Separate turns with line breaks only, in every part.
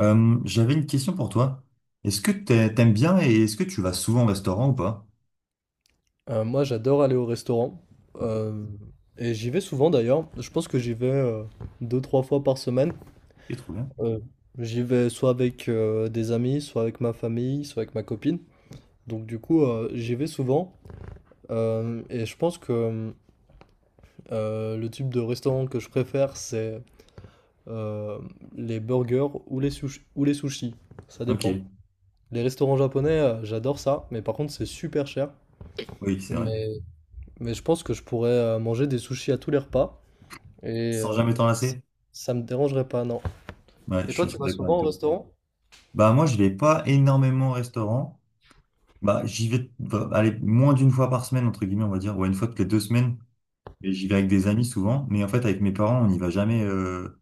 J'avais une question pour toi. Est-ce que t'aimes bien et est-ce que tu vas souvent au restaurant ou pas?
Moi, j'adore aller au restaurant.
Ok.
euh, et j'y vais souvent d'ailleurs. Je pense que j'y vais deux, trois fois par semaine.
Ok, trop bien.
Euh, J'y vais soit avec des amis, soit avec ma famille, soit avec ma copine. Donc du coup, j'y vais souvent. Et je pense que le type de restaurant que je préfère, c'est euh, les burgers ou les ou les sushis. Ça dépend.
Ok.
Les restaurants japonais, j'adore ça. Mais par contre, c'est super cher.
Oui, c'est vrai.
Mais, mais je pense que je pourrais manger des sushis à tous les repas. Et
Sans jamais t'en lasser?
ça me dérangerait pas, non.
Ouais,
Et
je
toi,
suis
tu
assez
vas
d'accord avec
souvent au
toi.
restaurant?
Bah moi, je vais pas énormément au restaurant. Bah j'y vais, bah, allez, moins d'une fois par semaine entre guillemets, on va dire, ouais, une fois toutes les deux semaines. Et j'y vais avec des amis souvent, mais en fait avec mes parents, on n'y va jamais.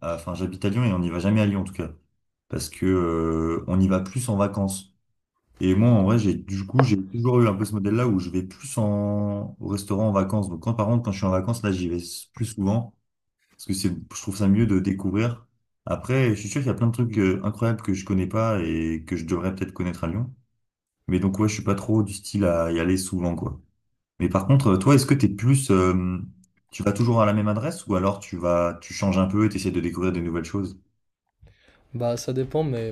À- Enfin, j'habite à Lyon et on n'y va jamais à Lyon en tout cas, parce que on y va plus en vacances. Et moi, en vrai, j'ai du coup, j'ai toujours eu un peu ce modèle-là où je vais plus en au restaurant en vacances. Donc, quand par contre, quand je suis en vacances, là, j'y vais s- plus souvent parce que c'est, je trouve ça mieux de découvrir. Après, je suis sûr qu'il y a plein de trucs incroyables que je connais pas et que je devrais peut-être connaître à Lyon. Mais donc, ouais, je suis pas trop du style à y aller souvent, quoi. Mais par contre, toi, est-ce que t'es plus, tu vas toujours à la même adresse ou alors tu vas, tu changes un peu et t'essaies de découvrir des nouvelles choses?
Bah, ça dépend, mais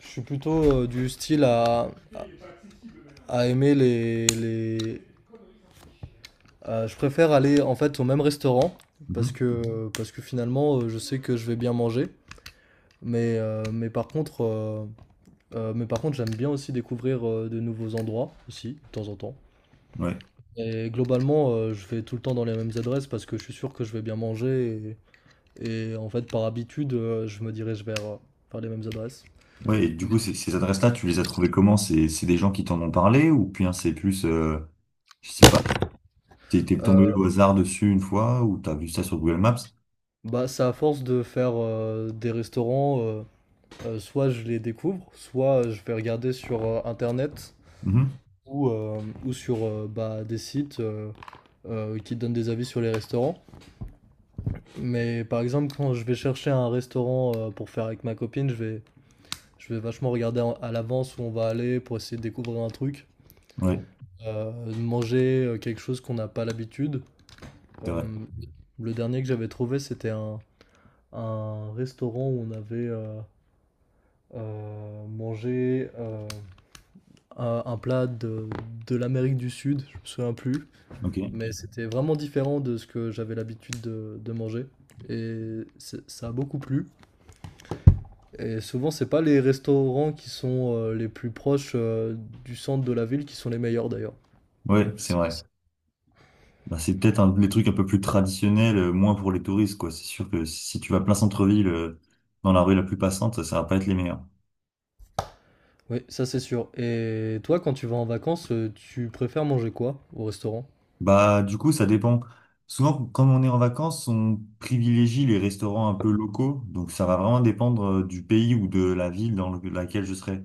je suis plutôt du style à aimer les... je préfère aller en fait au même restaurant
Mhm.
parce que finalement, je sais que je vais bien manger. Mais, euh, mais par contre, euh, mais par contre, j'aime bien aussi découvrir de nouveaux endroits aussi, de temps en temps.
Ouais.
Et globalement, je vais tout le temps dans les mêmes adresses parce que je suis sûr que je vais bien manger. Et en fait, par habitude, je me dirige vers les mêmes adresses.
Ouais, et du
Mais,
coup, ces, ces adresses-là, tu les as trouvées comment? C'est des gens qui t'en ont parlé ou bien c'est plus, je sais pas, t'es tombé
heu,
au hasard dessus une fois ou t'as vu ça sur Google Maps?
bah, c'est à force de faire, des restaurants, soit je les découvre, soit, je vais regarder sur, internet
Mhm.
ou, ou sur, bah, des sites, qui donnent des avis sur les restaurants. Mais par exemple, quand je vais chercher un restaurant, pour faire avec ma copine, je vais vachement regarder en à l'avance où on va aller pour essayer de découvrir un truc,
Ouais,
de manger, quelque chose qu'on n'a pas l'habitude.
c'est
Euh,
vrai.
le dernier que j'avais trouvé, c'était un restaurant où on avait mangé un plat de l'Amérique du Sud, je me souviens plus,
Ok.
mais c'était vraiment différent de ce que j'avais l'habitude de manger. Ça a beaucoup plu. Et souvent, c'est pas les restaurants qui sont les plus proches du centre de la ville qui sont les meilleurs d'ailleurs.
Ouais,
Je
c'est
sais pas
vrai.
si-
Bah, c'est peut-être un des trucs un peu plus traditionnels, moins pour les touristes, quoi. C'est sûr que si tu vas plein centre-ville, dans la rue la plus passante, ça va pas être les meilleurs.
Oui, ça c'est sûr. Et toi, quand tu vas en vacances, tu préfères manger quoi au restaurant?
Bah, du coup, ça dépend. Souvent, comme on est en vacances, on privilégie les restaurants un peu locaux. Donc, ça va vraiment dépendre du pays ou de la ville dans le- laquelle je serai.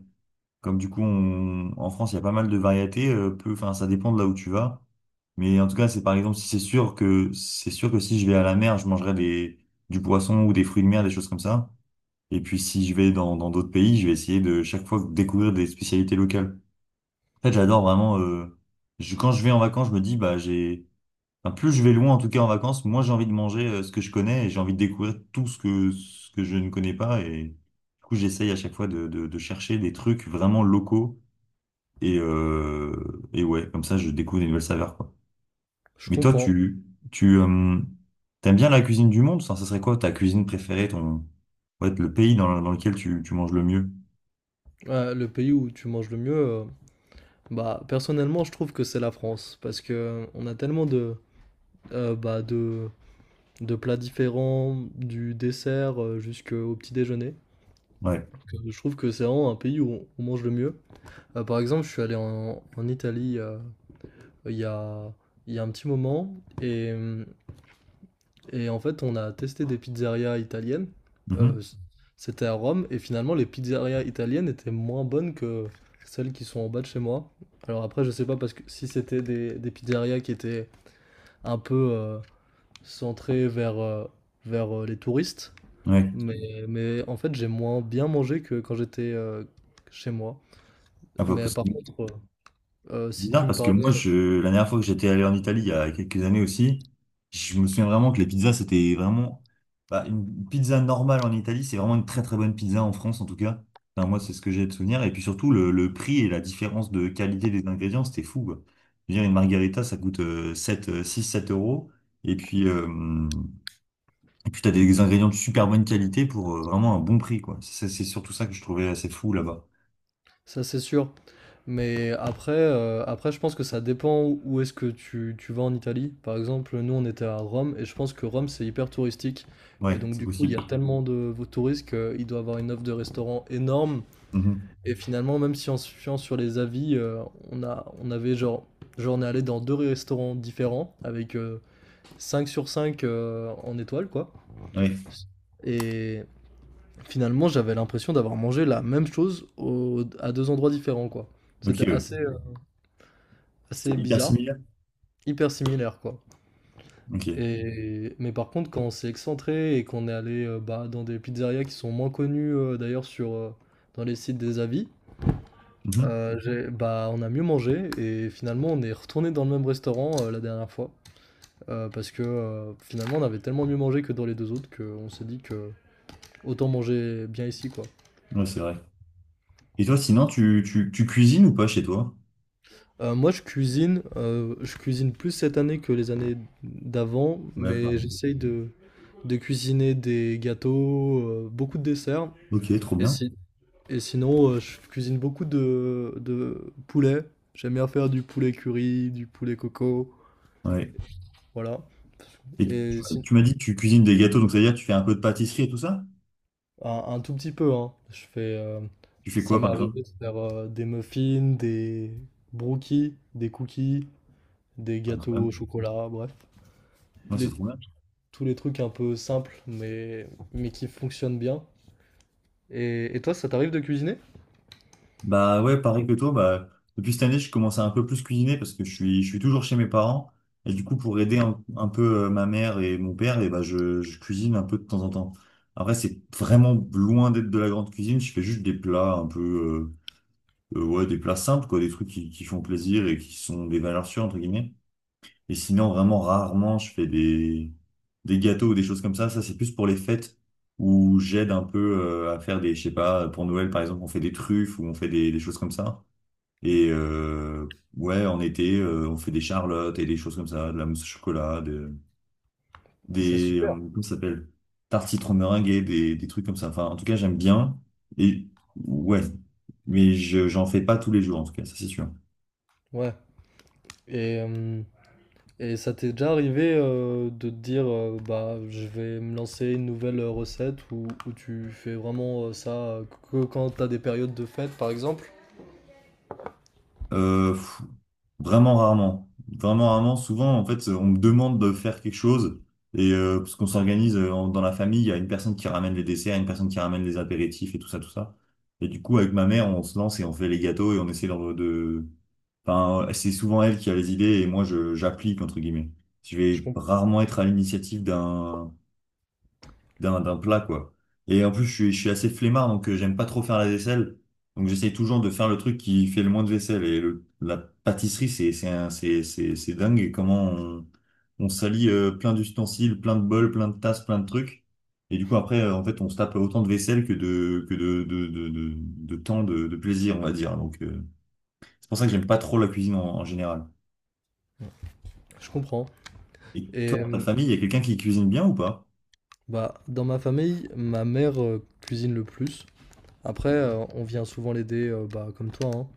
Comme du coup, on- en France, il y a pas mal de variétés. Peu, enfin, ça dépend de là où tu vas. Mais en tout cas, c'est par exemple, si c'est sûr que si je vais à la mer, je mangerai des, du poisson ou des fruits de mer, des choses comme ça. Et puis, si je vais dans d'autres pays, je vais essayer de chaque fois découvrir des spécialités locales. En fait, j'adore vraiment. Je- quand je vais en vacances, je me dis, bah, j'ai Enfin, plus je vais loin, en tout cas en vacances, moins j'ai envie de manger ce que je connais et j'ai envie de découvrir tout ce que je ne connais pas. Et du coup, j'essaye à chaque fois de chercher des trucs vraiment locaux. Et ouais, comme ça, je découvre des nouvelles saveurs, quoi.
Je
Mais toi,
comprends.
tu t'aimes bien la cuisine du monde? Ça serait quoi ta cuisine préférée, ton, ouais, le pays dans, le dans lequel tu, tu manges le mieux?
Ouais, le pays où tu manges le mieux, bah personnellement je trouve que c'est la France parce que on a tellement de bah, de plats différents, du dessert jusqu'au petit déjeuner.
Ouais.
Que je trouve que c'est vraiment un pays où on mange le mieux. Par exemple, je suis allé en, en Italie il y a il y a un petit moment et et en fait, on a testé des pizzerias italiennes.
Mhm.
Euh, c- C'était à Rome. Et finalement, les pizzerias italiennes étaient moins bonnes que celles qui sont en bas de chez moi. Alors après, je sais pas parce que si c'était des pizzerias qui étaient un peu centrées vers, vers les touristes.
Ouais.
Mais en fait, j'ai moins bien mangé que quand j'étais chez moi.
Ah, bah,
Mais
parce
par
que
contre, si
Bizarre
tu me
parce que moi,
parlais.
je, la dernière fois que j'étais allé en Italie, il y a quelques années aussi, je me souviens vraiment que les pizzas, c'était vraiment, bah, une pizza normale en Italie, c'est vraiment une très très bonne pizza en France en tout cas. Enfin, moi, c'est ce que j'ai de souvenir. Et puis surtout, le prix et la différence de qualité des ingrédients, c'était fou, quoi. Je veux dire, une margarita, ça coûte 7, 6, 7 euros. Et puis, euh, et puis t'as des ingrédients de super bonne qualité pour vraiment un bon prix, quoi. C'est surtout ça que je trouvais assez fou là-bas.
Ça, c'est sûr. Mais après, après, je pense que ça dépend où où est-ce que tu vas en Italie. Par exemple, nous, on était à Rome et je pense que Rome, c'est hyper touristique. Et
Ouais,
donc,
c'est
du coup, il y
possible.
a tellement de touristes qu'il doit avoir une offre de restaurants énorme.
Mhm.
Et finalement, même si on se fiant sur les avis, on a, on avait genre, on est allé dans deux restaurants différents avec 5 sur 5 en étoile, quoi.
Ouais,
Et finalement, j'avais l'impression d'avoir mangé la même chose à deux endroits différents, quoi.
ok,
C'était
ouais.
assez. euh,
C'était
assez
hyper
bizarre,
similaire.
hyper similaire quoi.
Ok.
Et mais par contre, quand on s'est excentré et qu'on est allé bah, dans des pizzerias qui sont moins connues d'ailleurs sur dans les sites des avis,
Mhm.
bah on a mieux mangé et finalement on est retourné dans le même restaurant la dernière fois. Parce que finalement on avait tellement mieux mangé que dans les deux autres qu'on s'est dit que autant manger bien ici quoi.
Ouais, c'est vrai. Et toi, sinon, tu cuisines ou pas chez toi?
Moi je cuisine plus cette année que les années d'avant,
Ouais,
mais
pardon.
j'essaye de cuisiner des gâteaux, beaucoup de desserts.
Ok, trop
Et,
bien.
si- Et sinon, je cuisine beaucoup de poulet. J'aime bien faire du poulet curry, du poulet coco,
Ouais.
voilà.
Et tu,
Et si-
tu m'as dit que tu cuisines des gâteaux, donc ça veut dire que tu fais un peu de pâtisserie et tout ça?
un tout petit peu, hein. Je fais,
Tu fais
ça
quoi,
m'est
par exemple?
arrivé de faire des muffins, des brookies, des cookies, des
Ah, quand
gâteaux au
même.
chocolat, bref.
Ouais, c'est
Les-
trop bien.
Tous les trucs un peu simples, mais qui fonctionnent bien. Et toi, ça t'arrive de cuisiner?
Bah ouais, pareil que toi, bah, depuis cette année, je commence à un peu plus cuisiner parce que je suis toujours chez mes parents. Et du coup, pour aider un peu ma mère et mon père, et bah, je cuisine un peu de temps en temps. Après, c'est vraiment loin d'être de la grande cuisine. Je fais juste des plats un peu. Ouais, des plats simples, quoi, des trucs qui font plaisir et qui sont des valeurs sûres, entre guillemets. Et sinon, vraiment, rarement, je fais des gâteaux ou des choses comme ça. Ça, c'est plus pour les fêtes où j'aide un peu à faire des, je sais pas, pour Noël, par exemple, on fait des truffes ou on fait des choses comme ça. Et ouais, en été, on fait des charlottes et des choses comme ça, de la mousse au chocolat, de-
C'est
des,
super.
comment ça s'appelle? Tartes citron meringuées, des trucs comme ça. Enfin, en tout cas, j'aime bien. Et ouais, mais je, j'en fais pas tous les jours, en tout cas, ça, c'est sûr.
Ouais. Et, et ça t'est déjà arrivé de te dire bah je vais me lancer une nouvelle recette ou tu fais vraiment ça que quand t'as des périodes de fête par exemple?
Pff, vraiment rarement. Vraiment rarement. Souvent, en fait, on me demande de faire quelque chose. Et parce qu'on s'organise en- dans la famille, il y a une personne qui ramène les desserts, une personne qui ramène les apéritifs et tout ça, tout ça. Et du coup, avec ma mère, on se lance et on fait les gâteaux et on essaie d'en- de... Enfin, c'est souvent elle qui a les idées et moi, je j'applique, entre guillemets. Je
Je
vais
comprends.
rarement être à l'initiative d'un d'un plat, quoi. Et en plus, je suis assez flemmard, donc j'aime pas trop faire la vaisselle. Donc j'essaie toujours de faire le truc qui fait le moins de vaisselle. Et le- la pâtisserie, c'est un- c'est dingue et comment on salit plein d'ustensiles, plein de bols, plein de tasses, plein de trucs. Et du coup, après, en fait, on se tape autant de vaisselle que de temps de plaisir, on va dire. Donc c'est pour ça que j'aime pas trop la cuisine en, en général.
Je comprends.
Et
Et
toi, dans ta famille, il y a quelqu'un qui cuisine bien ou pas?
bah dans ma famille, ma mère cuisine le plus. Après,
Mhm.
on vient souvent l'aider bah, comme toi, hein.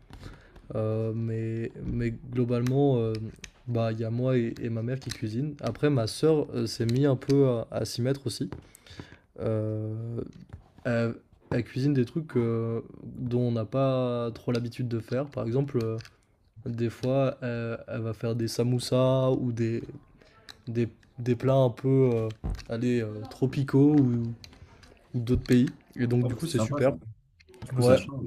Mais globalement, bah il y a moi et ma mère qui cuisinent. Après, ma sœur s'est mis un peu à s'y mettre aussi. Euh, Elle, elle cuisine des trucs dont on n'a pas trop l'habitude de faire. Par exemple, des fois, elle va faire des samoussas ou des, des plats un peu allez, tropicaux ou d'autres pays. Et donc,
Oh,
du
mais
coup,
c'est
c'est
sympa ça.
super.
Du coup, ça
Ouais,
change.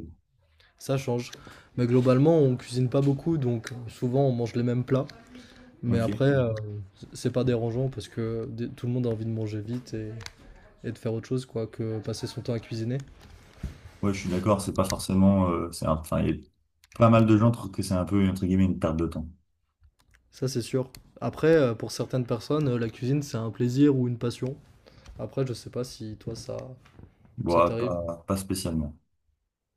ça change. Mais globalement, on cuisine pas beaucoup, donc souvent, on mange les mêmes plats. Mais
Ok.
après, c'est pas dérangeant parce que tout le monde a envie de manger vite et de faire autre chose, quoi, que passer son temps à cuisiner.
Ouais, je suis d'accord, c'est pas forcément, c'est un- enfin, il y a pas mal de gens trouvent que c'est un peu, entre guillemets, une perte de temps.
Ça, c'est sûr. Après, pour certaines personnes, la cuisine, c'est un plaisir ou une passion. Après, je sais pas si toi, ça
Bon,
t'arrive
pas, pas spécialement.